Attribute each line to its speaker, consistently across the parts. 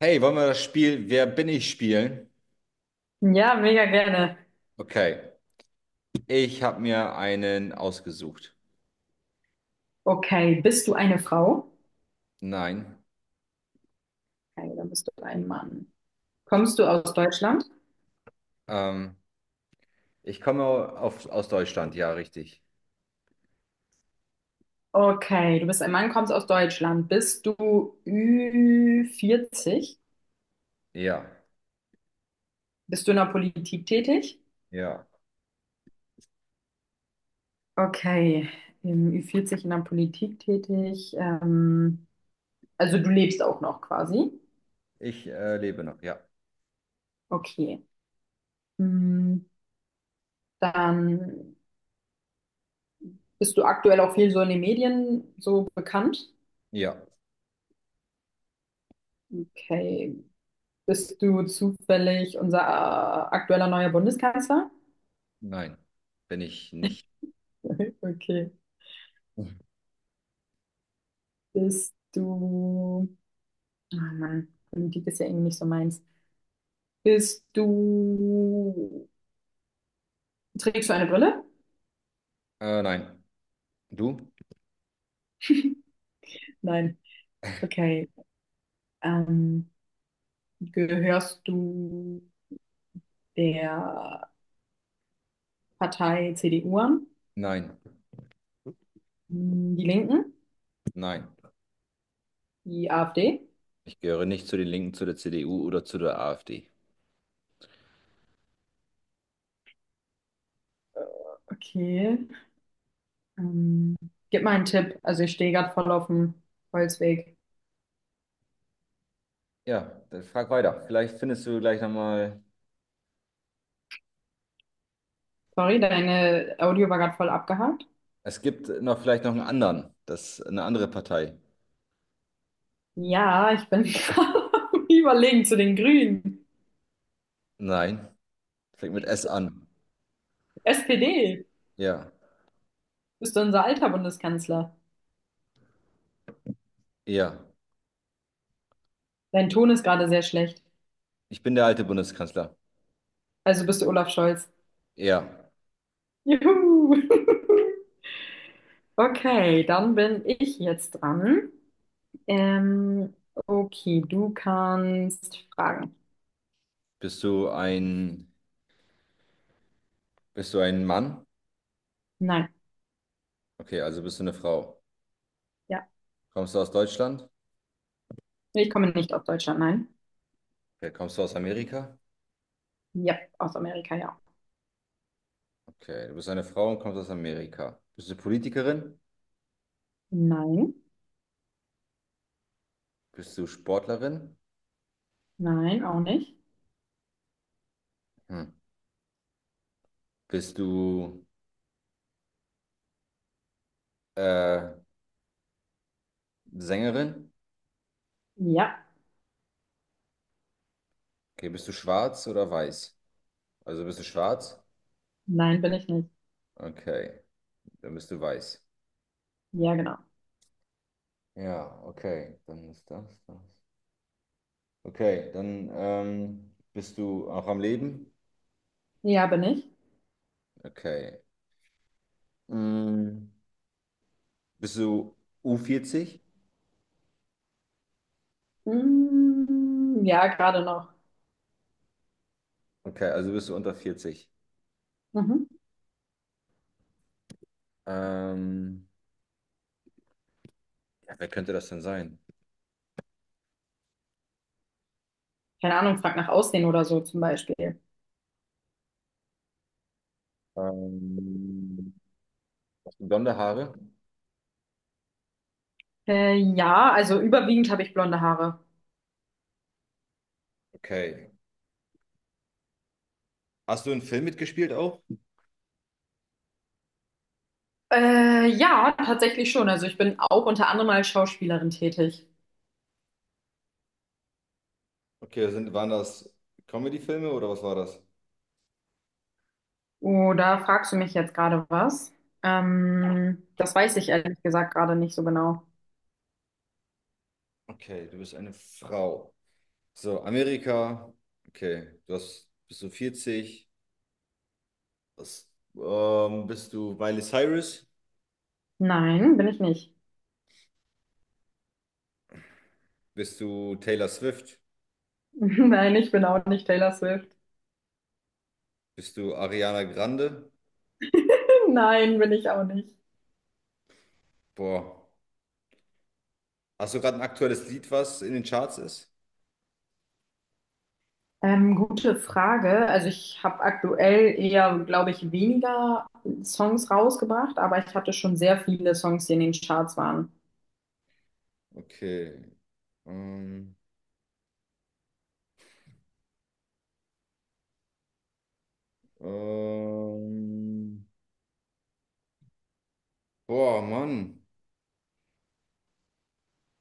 Speaker 1: Hey, wollen wir das Spiel Wer bin ich spielen?
Speaker 2: Ja, mega gerne.
Speaker 1: Okay, ich habe mir einen ausgesucht.
Speaker 2: Okay, bist du eine Frau?
Speaker 1: Nein,
Speaker 2: Okay, dann bist du ein Mann.
Speaker 1: ich,
Speaker 2: Kommst du aus Deutschland?
Speaker 1: ähm, ich komme aus Deutschland, ja, richtig.
Speaker 2: Okay, du bist ein Mann, kommst aus Deutschland. Bist du ü vierzig?
Speaker 1: Ja,
Speaker 2: Bist du in der Politik tätig?
Speaker 1: ja.
Speaker 2: Okay, im ü vierzig in der Politik tätig. Also du lebst auch noch quasi.
Speaker 1: Ich lebe noch, ja.
Speaker 2: Okay. Hm, dann bist du aktuell auch viel so in den Medien so bekannt.
Speaker 1: Ja,
Speaker 2: Okay, bist du zufällig unser aktueller neuer Bundeskanzler?
Speaker 1: nein, bin ich nicht.
Speaker 2: Okay. Bist du. Oh Mann, Politik ist ja irgendwie nicht so meins. Bist du. Trägst du eine Brille?
Speaker 1: Nein. Du?
Speaker 2: Nein. Okay. Ähm, Gehörst du der Partei CDU an?
Speaker 1: Nein,
Speaker 2: Hm, die Linken?
Speaker 1: nein.
Speaker 2: Die AfD?
Speaker 1: Ich gehöre nicht zu den Linken, zu der CDU oder zu der AfD.
Speaker 2: Okay. Ähm, Gib mal einen Tipp. Also ich stehe gerade voll auf dem Holzweg.
Speaker 1: Ja, dann frag weiter. Vielleicht findest du gleich nochmal.
Speaker 2: Sorry, deine Audio war gerade voll abgehakt.
Speaker 1: Es gibt noch vielleicht noch einen anderen, das eine andere Partei.
Speaker 2: Ja, ich bin gerade am überlegen zu den Grünen.
Speaker 1: Nein. Fängt mit S an.
Speaker 2: SPD,
Speaker 1: Ja,
Speaker 2: bist du unser alter Bundeskanzler?
Speaker 1: ja.
Speaker 2: Dein Ton ist gerade sehr schlecht.
Speaker 1: Ich bin der alte Bundeskanzler.
Speaker 2: Also bist du Olaf Scholz.
Speaker 1: Ja.
Speaker 2: Juhu! Okay, dann bin ich jetzt dran. Okay, du kannst fragen.
Speaker 1: Bist du ein, Bist du ein Mann?
Speaker 2: Nein,
Speaker 1: Okay, also bist du eine Frau.
Speaker 2: ja.
Speaker 1: Kommst du aus Deutschland?
Speaker 2: Ich komme nicht aus Deutschland, nein.
Speaker 1: Okay, kommst du aus Amerika?
Speaker 2: Ja, aus Amerika, ja.
Speaker 1: Okay, du bist eine Frau und kommst aus Amerika. Bist du Politikerin?
Speaker 2: Nein,
Speaker 1: Bist du Sportlerin?
Speaker 2: nein, auch nicht.
Speaker 1: Hm. Bist du äh, Sängerin?
Speaker 2: Ja,
Speaker 1: Okay, bist du schwarz oder weiß? Also bist du schwarz?
Speaker 2: nein, bin ich nicht.
Speaker 1: Okay, dann bist du weiß.
Speaker 2: Ja, genau.
Speaker 1: Ja, okay, dann ist das das. Okay, dann bist du auch am Leben?
Speaker 2: Ja, bin ich.
Speaker 1: Okay. Mm, bist du U40?
Speaker 2: Mm, ja, gerade noch.
Speaker 1: Okay, also bist du unter 40.
Speaker 2: Mhm.
Speaker 1: Ähm, ja, wer könnte das denn sein?
Speaker 2: Keine Ahnung, frag nach Aussehen oder so zum Beispiel.
Speaker 1: Ähm, Hast du blonde Haare?
Speaker 2: Ja, also überwiegend habe ich blonde Haare.
Speaker 1: Okay. Hast du einen Film mitgespielt auch?
Speaker 2: Ja, tatsächlich schon. Also ich bin auch unter anderem als Schauspielerin tätig.
Speaker 1: Okay, waren das Comedy-Filme oder was war das?
Speaker 2: Oder fragst du mich jetzt gerade was? Das weiß ich ehrlich gesagt gerade nicht so genau.
Speaker 1: Okay, du bist eine Frau. So, Amerika. Okay, bist du 40? Was, Bist du Miley Cyrus?
Speaker 2: Nein, bin ich nicht.
Speaker 1: Bist du Taylor Swift?
Speaker 2: Nein, ich bin auch nicht Taylor Swift.
Speaker 1: Bist du Ariana Grande?
Speaker 2: Nein, bin ich auch nicht.
Speaker 1: Boah. Hast du gerade ein aktuelles Lied, was in den Charts ist?
Speaker 2: Gute Frage. Also ich habe aktuell eher, glaube ich, weniger Songs rausgebracht, aber ich hatte schon sehr viele Songs, die in den Charts waren.
Speaker 1: Okay. Ähm, ähm, Boah, Mann.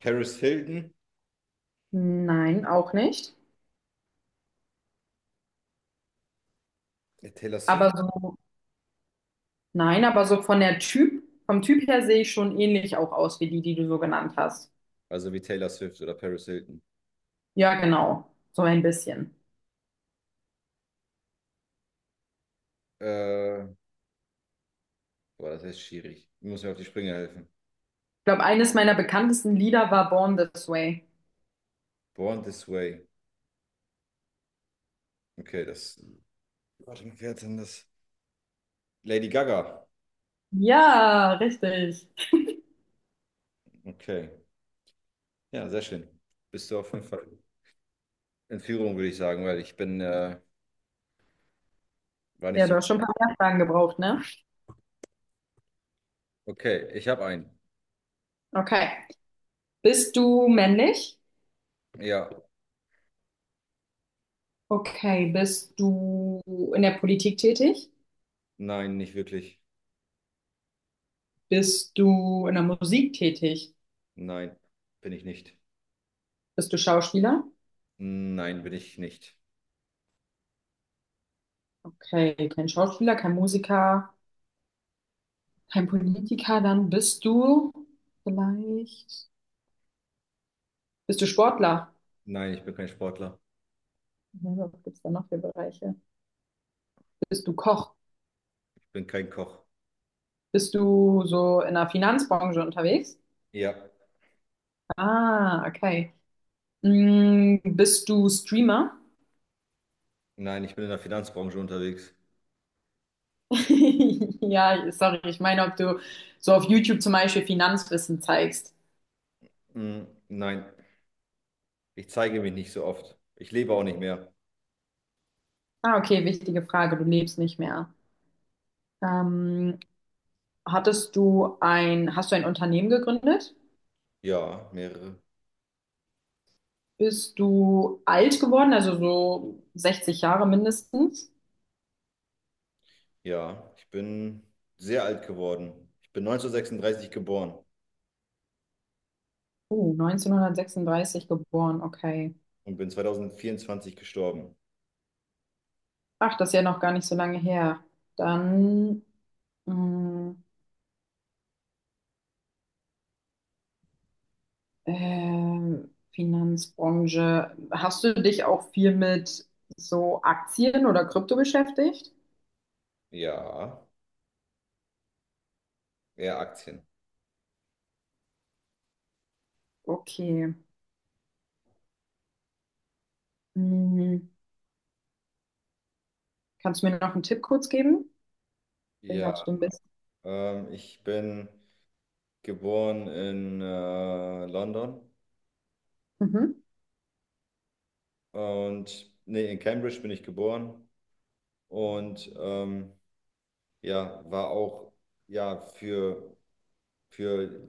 Speaker 1: Paris Hilton?
Speaker 2: Nein, auch nicht.
Speaker 1: Ja, Taylor
Speaker 2: Aber
Speaker 1: Swift?
Speaker 2: so, nein, aber so von der Typ, vom Typ her sehe ich schon ähnlich auch aus wie die, die du so genannt hast.
Speaker 1: Also wie Taylor Swift oder Paris Hilton.
Speaker 2: Ja, genau. So ein bisschen.
Speaker 1: Äh, Boah, das ist schwierig. Du musst mir auf die Sprünge helfen.
Speaker 2: Ich glaube, eines meiner bekanntesten Lieder war Born This Way.
Speaker 1: Born This Way. Okay, das. Warte mal, wer hat denn das? Lady Gaga.
Speaker 2: Ja, richtig.
Speaker 1: Okay. Ja, sehr schön. Bist du auf jeden Fall in Führung, würde ich sagen, weil ich bin war nicht
Speaker 2: Ja, du
Speaker 1: so.
Speaker 2: hast schon ein paar mehr Fragen gebraucht, ne?
Speaker 1: Okay, ich habe einen.
Speaker 2: Okay. Bist du männlich?
Speaker 1: Ja,
Speaker 2: Okay, bist du in der Politik tätig?
Speaker 1: nein, nicht wirklich.
Speaker 2: Bist du in der Musik tätig?
Speaker 1: Nein, bin ich nicht.
Speaker 2: Bist du Schauspieler?
Speaker 1: Nein, bin ich nicht.
Speaker 2: Okay, kein Schauspieler, kein Musiker, kein Politiker, dann bist du vielleicht, bist du Sportler?
Speaker 1: Nein, ich bin kein Sportler.
Speaker 2: Hm, was gibt es da noch für Bereiche? Bist du Koch?
Speaker 1: Ich bin kein Koch.
Speaker 2: Bist du so in der Finanzbranche unterwegs?
Speaker 1: Ja,
Speaker 2: Ah, okay. Hm, bist du Streamer?
Speaker 1: nein, ich bin in der Finanzbranche unterwegs.
Speaker 2: Ja, sorry, ich meine, ob du so auf YouTube zum Beispiel Finanzwissen zeigst.
Speaker 1: Mm, nein, ich zeige mich nicht so oft. Ich lebe auch nicht mehr.
Speaker 2: Ah, okay, wichtige Frage. Du lebst nicht mehr. Ähm, hast du ein Unternehmen gegründet?
Speaker 1: Ja, mehrere.
Speaker 2: Bist du alt geworden, also so 60 Jahre mindestens?
Speaker 1: Ja, ich bin sehr alt geworden. Ich bin 1936 geboren
Speaker 2: Oh, 1936 geboren, okay.
Speaker 1: und bin 2024 gestorben.
Speaker 2: Ach, das ist ja noch gar nicht so lange her. Dann mh, Finanzbranche. Hast du dich auch viel mit so Aktien oder Krypto beschäftigt?
Speaker 1: Ja, eher Aktien.
Speaker 2: Okay. Mh, kannst du mir noch einen Tipp kurz geben? Deswegen habe
Speaker 1: Ja,
Speaker 2: ich so ein bisschen.
Speaker 1: ich bin geboren in London
Speaker 2: Mhm.
Speaker 1: und nee, in Cambridge bin ich geboren und ja, war auch ja für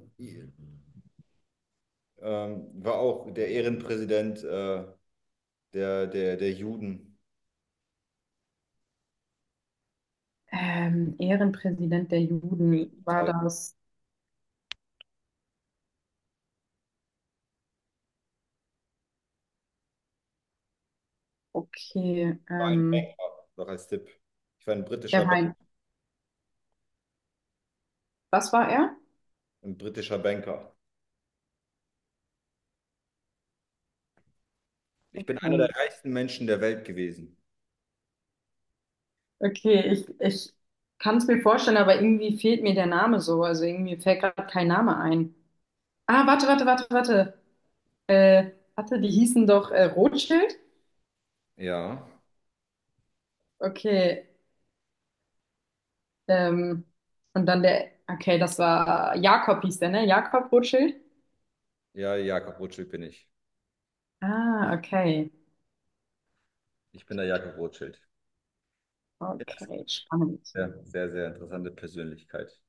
Speaker 1: war auch der Ehrenpräsident der Juden.
Speaker 2: Ehrenpräsident der Juden
Speaker 1: Das
Speaker 2: war
Speaker 1: heißt,
Speaker 2: das. Okay.
Speaker 1: ich war ein Banker, noch als Tipp. Ich war
Speaker 2: Der war ein. Was war er?
Speaker 1: Ein britischer Banker. Ich bin einer der
Speaker 2: Okay.
Speaker 1: reichsten Menschen der Welt gewesen.
Speaker 2: Okay, ich kann es mir vorstellen, aber irgendwie fehlt mir der Name so. Also irgendwie fällt gerade kein Name ein. Ah, warte. Warte, die hießen doch Rothschild?
Speaker 1: Ja,
Speaker 2: Okay. Ähm, und dann der. Okay, das war Jakob hieß der, ne? Jakob Rothschild?
Speaker 1: ja, Jakob Rothschild bin ich.
Speaker 2: Ah, okay.
Speaker 1: Ich bin der Jakob Rothschild.
Speaker 2: Okay, spannend.
Speaker 1: Ja, sehr, sehr interessante Persönlichkeit.